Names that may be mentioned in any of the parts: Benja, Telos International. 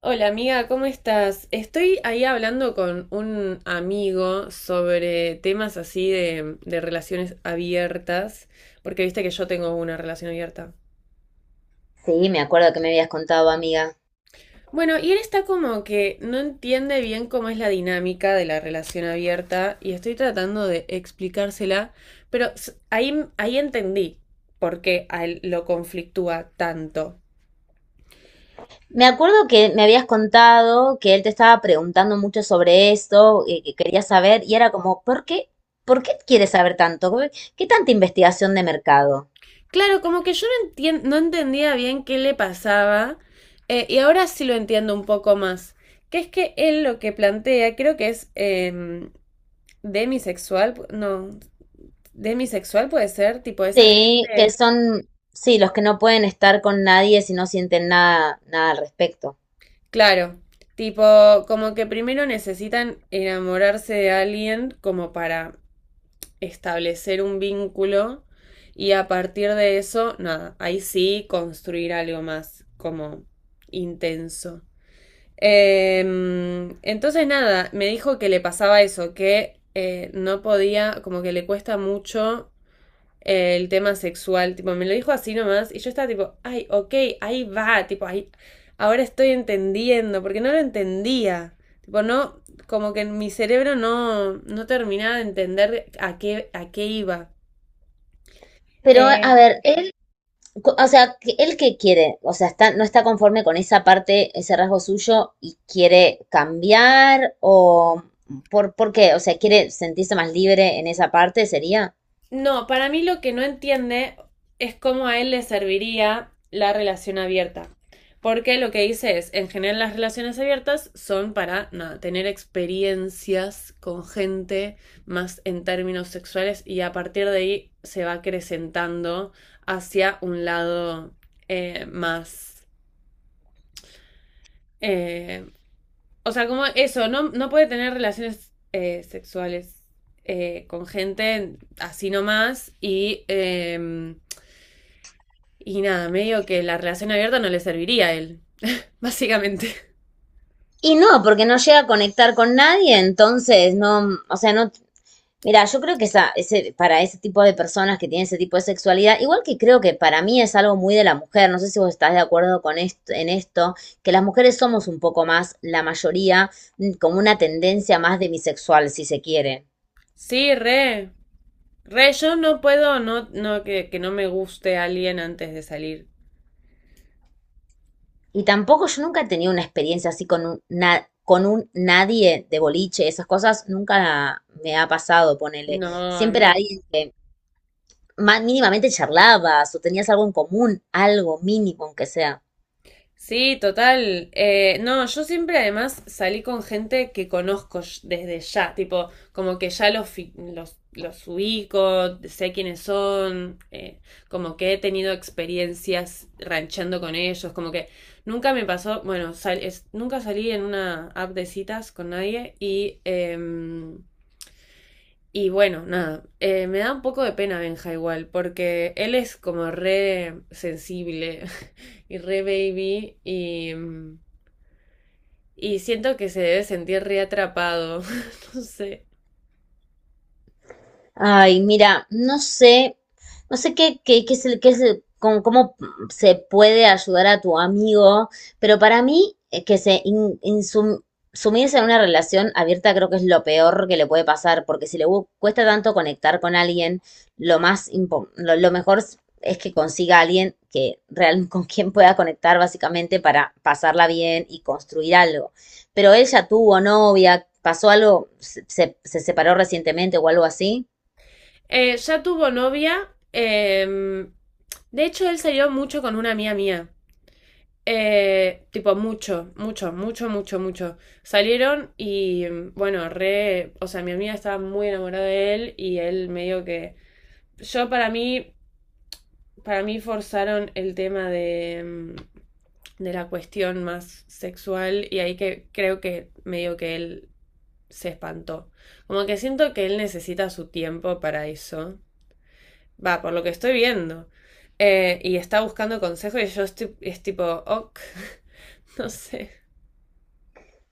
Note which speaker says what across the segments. Speaker 1: Hola amiga, ¿cómo estás? Estoy ahí hablando con un amigo sobre temas así de relaciones abiertas, porque viste que yo tengo una relación abierta.
Speaker 2: Sí, me acuerdo que me habías contado, amiga.
Speaker 1: Bueno, y él está como que no entiende bien cómo es la dinámica de la relación abierta y estoy tratando de explicársela, pero ahí entendí por qué a él lo conflictúa tanto.
Speaker 2: Me acuerdo que me habías contado que él te estaba preguntando mucho sobre esto, y que quería saber, y era como, ¿por qué? ¿Por qué quieres saber tanto? ¿Qué tanta investigación de mercado?
Speaker 1: Claro, como que yo no entendía bien qué le pasaba, y ahora sí lo entiendo un poco más. Que es que él lo que plantea, creo que es demisexual, pu- no, demisexual puede ser, tipo esa
Speaker 2: Sí, que
Speaker 1: gente.
Speaker 2: son, sí, los que no pueden estar con nadie si no sienten nada, nada al respecto.
Speaker 1: Claro, tipo, como que primero necesitan enamorarse de alguien como para establecer un vínculo, y a partir de eso, nada, ahí sí construir algo más como intenso. Entonces nada, me dijo que le pasaba eso, que no podía, como que le cuesta mucho el tema sexual, tipo, me lo dijo así nomás y yo estaba tipo, ay, ok, ahí va, tipo, ahí, ahora estoy entendiendo, porque no lo entendía, tipo, no, como que en mi cerebro no terminaba de entender a a qué iba.
Speaker 2: Pero, a
Speaker 1: Eh,
Speaker 2: ver, o sea, que él que quiere, o sea, está, no está conforme con esa parte, ese rasgo suyo y quiere cambiar o ¿por qué? O sea, quiere sentirse más libre en esa parte, sería.
Speaker 1: No, para mí lo que no entiende es cómo a él le serviría la relación abierta. Porque lo que dice es, en general las relaciones abiertas son para nada, tener experiencias con gente más en términos sexuales y a partir de ahí se va acrecentando hacia un lado eh, más... eh, o sea, como eso, no, no puede tener relaciones sexuales con gente así nomás. Y nada, medio que la relación abierta no le serviría a él, básicamente.
Speaker 2: Y no, porque no llega a conectar con nadie, entonces no, o sea, no, mira, yo creo que esa, ese, para ese tipo de personas que tienen ese tipo de sexualidad, igual que creo que para mí es algo muy de la mujer, no sé si vos estás de acuerdo con esto, en esto, que las mujeres somos un poco más, la mayoría, como una tendencia más de bisexual, si se quiere.
Speaker 1: Sí, re. Re, yo no puedo que no me guste alguien antes de salir.
Speaker 2: Y tampoco yo nunca he tenido una experiencia así con un, con un nadie de boliche, esas cosas nunca me ha pasado, ponele.
Speaker 1: No, a
Speaker 2: Siempre
Speaker 1: mí
Speaker 2: era alguien
Speaker 1: tampoco.
Speaker 2: que mínimamente charlabas o tenías algo en común, algo mínimo aunque sea.
Speaker 1: Sí, total. No, yo siempre además salí con gente que desde ya, tipo, como que ya los ubico, sé quiénes son, como que he tenido experiencias ranchando con ellos, como que nunca me pasó, bueno, nunca salí en una app de citas con nadie y bueno, nada. Me da un poco de pena Benja igual, porque él es como re sensible y re baby, y siento que se debe sentir reatrapado. No sé.
Speaker 2: Ay, mira, no sé, no sé qué es con, cómo se puede ayudar a tu amigo, pero para mí que sumirse en una relación abierta creo que es lo peor que le puede pasar, porque si cuesta tanto conectar con alguien, lo más impo- lo mejor es que consiga a alguien que real con quien pueda conectar básicamente para pasarla bien y construir algo. Pero él ya tuvo novia, pasó algo, se separó recientemente o algo así.
Speaker 1: Ya tuvo novia. De hecho, él salió mucho con una amiga mía. Tipo, mucho, mucho, mucho, mucho, mucho. Salieron y, bueno, re. O sea, mi amiga estaba muy enamorada de él y él medio que. Yo, para mí forzaron el tema de de la cuestión más sexual y ahí que creo que medio que él se espantó. Como que siento que él necesita su tiempo para eso. Va, por lo que estoy viendo. Y está buscando consejos y yo estoy, es tipo, ok, no sé.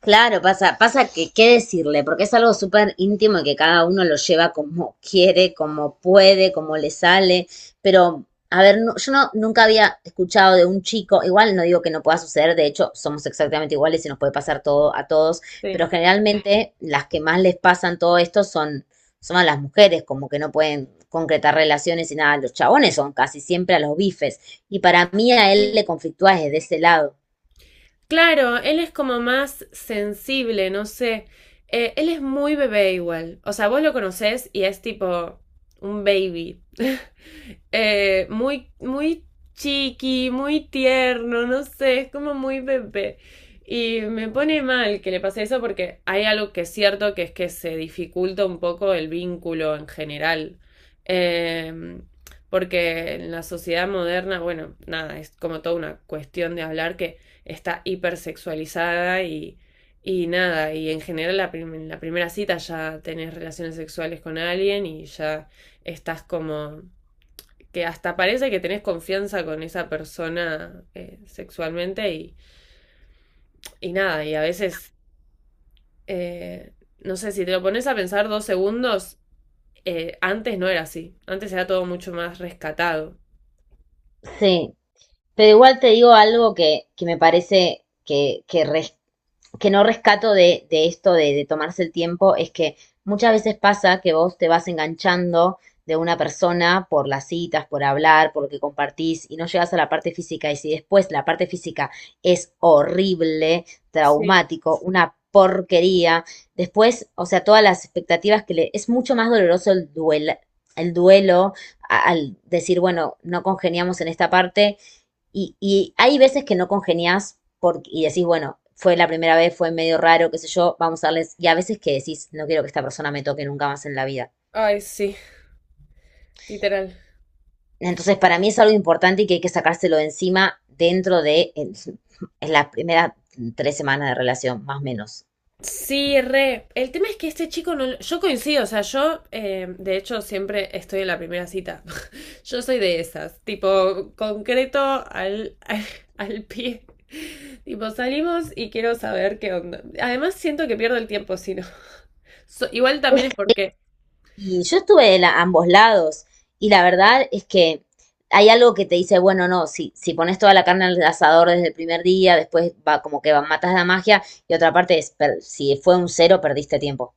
Speaker 2: Claro, pasa, pasa que qué decirle, porque es algo súper íntimo y que cada uno lo lleva como quiere, como puede, como le sale. Pero, a ver, yo no, nunca había escuchado de un chico, igual no digo que no pueda suceder, de hecho, somos exactamente iguales y nos puede pasar todo a todos,
Speaker 1: Sí.
Speaker 2: pero generalmente las que más les pasan todo esto son, son a las mujeres, como que no pueden concretar relaciones y nada, los chabones son casi siempre a los bifes. Y para mí a él le conflictúa desde ese lado.
Speaker 1: Claro, él es como más sensible, no sé. Él es muy bebé igual. O sea, vos lo conocés y es tipo un baby. Muy chiqui, muy tierno, no sé, es como muy bebé. Y me pone mal que le pase eso porque hay algo que es cierto que es que se dificulta un poco el vínculo en general. Eh, Porque en la sociedad moderna, bueno, nada, es como toda una cuestión de hablar que está hipersexualizada y nada, y en general en la primera cita ya tenés relaciones sexuales con alguien y ya estás como que hasta parece que tenés confianza con esa persona sexualmente y nada, y a veces, eh, no sé, si te lo pones a pensar dos segundos, antes no era así, antes era todo mucho más rescatado.
Speaker 2: Sí. Pero igual te digo algo que me parece que no rescato de esto de tomarse el tiempo, es que muchas veces pasa que vos te vas enganchando de una persona por las citas, por hablar, por lo que compartís y no llegas a la parte física. Y si después la parte física es horrible,
Speaker 1: Sí.
Speaker 2: traumático, una porquería, después, o sea, todas las expectativas que le... Es mucho más doloroso el duelo al decir, bueno, no congeniamos en esta parte y hay veces que no congenias porque, y decís, bueno, fue la primera vez, fue medio raro, qué sé yo, vamos a darles. Y a veces que decís, no quiero que esta persona me toque nunca más en la vida.
Speaker 1: Ay, sí, literal.
Speaker 2: Entonces, para mí es algo importante y que hay que sacárselo de encima dentro de en, las primeras 3 semanas de relación, más o menos.
Speaker 1: Sí, re. El tema es que este chico no... Yo coincido, o sea, yo de hecho siempre estoy en la primera cita. Yo soy de esas, tipo concreto al pie. Tipo, salimos y quiero saber qué onda. Además siento que pierdo el tiempo si no. Igual también es porque,
Speaker 2: Y yo estuve de ambos lados y la verdad es que hay algo que te dice, bueno, no, si, si pones toda la carne al asador desde el primer día, después va como que va, matas la magia y otra parte es, si fue un cero, perdiste tiempo.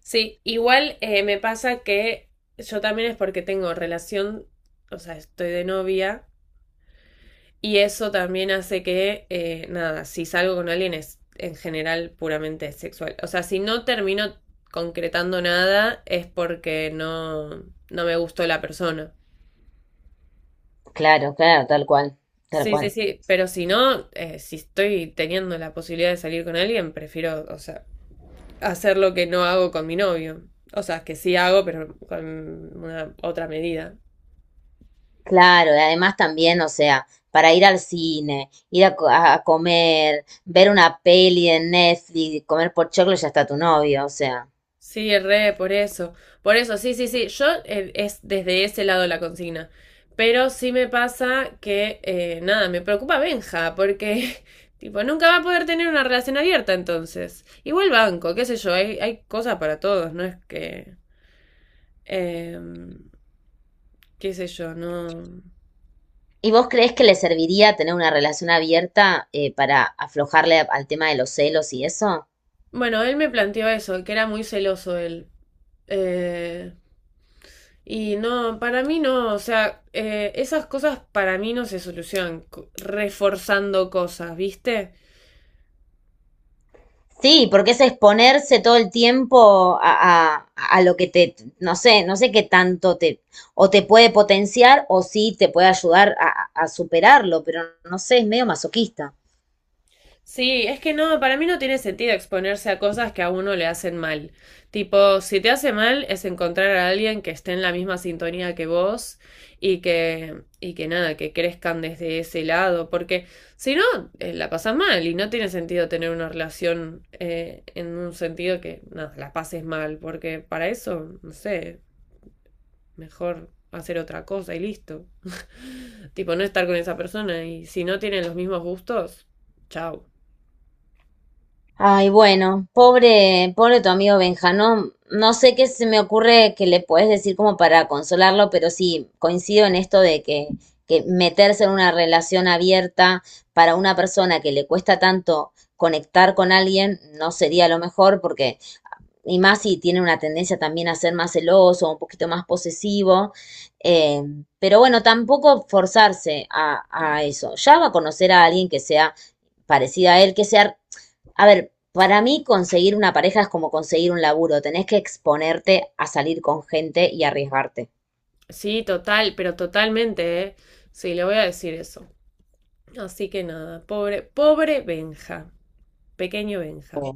Speaker 1: sí, igual me pasa que yo también es porque tengo relación, o sea, estoy de novia. Y eso también hace que, nada, si salgo con alguien es en general puramente sexual. O sea, si no termino concretando nada es porque no me gustó la persona.
Speaker 2: Claro, claro, tal cual, tal
Speaker 1: Sí, sí,
Speaker 2: cual.
Speaker 1: sí, pero si no, si estoy teniendo la posibilidad de salir con alguien, prefiero, o sea, hacer lo que no hago con mi novio. O sea, que sí hago, pero con una otra medida.
Speaker 2: Claro, y además también, o sea, para ir al cine, ir a comer, ver una peli en Netflix, comer por choclo, ya está tu novio, o sea.
Speaker 1: Sí, re, por eso. Por eso, sí, sí, sí. Yo es desde ese lado la consigna. Pero sí me pasa que, nada, me preocupa Benja, porque, tipo, nunca va a poder tener una relación abierta entonces. Igual banco, qué sé yo, hay cosas para todos, no es que, eh, qué sé yo, no.
Speaker 2: ¿Y vos crees que le serviría tener una relación abierta para aflojarle al tema de los celos y eso?
Speaker 1: Bueno, él me planteó eso, que era muy celoso él. Eh, Y no, para mí no, o sea, esas cosas para mí no se solucionan reforzando cosas, ¿viste?
Speaker 2: Sí, porque es exponerse todo el tiempo a lo que te, no sé, no sé qué tanto te, o te puede potenciar o sí te puede ayudar a superarlo, pero no sé, es medio masoquista.
Speaker 1: Sí, es que no, para mí no tiene sentido exponerse a cosas que a uno le hacen mal. Tipo, si te hace mal es encontrar a alguien que esté en la misma sintonía que vos y que nada, que crezcan desde ese lado, porque si no, la pasas mal y no tiene sentido tener una relación en un sentido que, nada, la pases mal, porque para eso, no sé. Mejor hacer otra cosa y listo. Tipo, no estar con esa persona y si no tienen los mismos gustos, chao.
Speaker 2: Ay, bueno, pobre, pobre tu amigo Benja, no, no sé qué se me ocurre que le puedes decir como para consolarlo, pero sí, coincido en esto de que meterse en una relación abierta para una persona que le cuesta tanto conectar con alguien no sería lo mejor, porque, y más si tiene una tendencia también a ser más celoso, un poquito más posesivo, eh, pero bueno, tampoco forzarse a eso. Ya va a conocer a alguien que sea parecida a él, que sea... A ver, para mí conseguir una pareja es como conseguir un laburo, tenés que exponerte a salir con gente y arriesgarte.
Speaker 1: Sí, total, pero totalmente, ¿eh? Sí, le voy a decir eso. Así que nada, pobre, pobre Benja, pequeño Benja.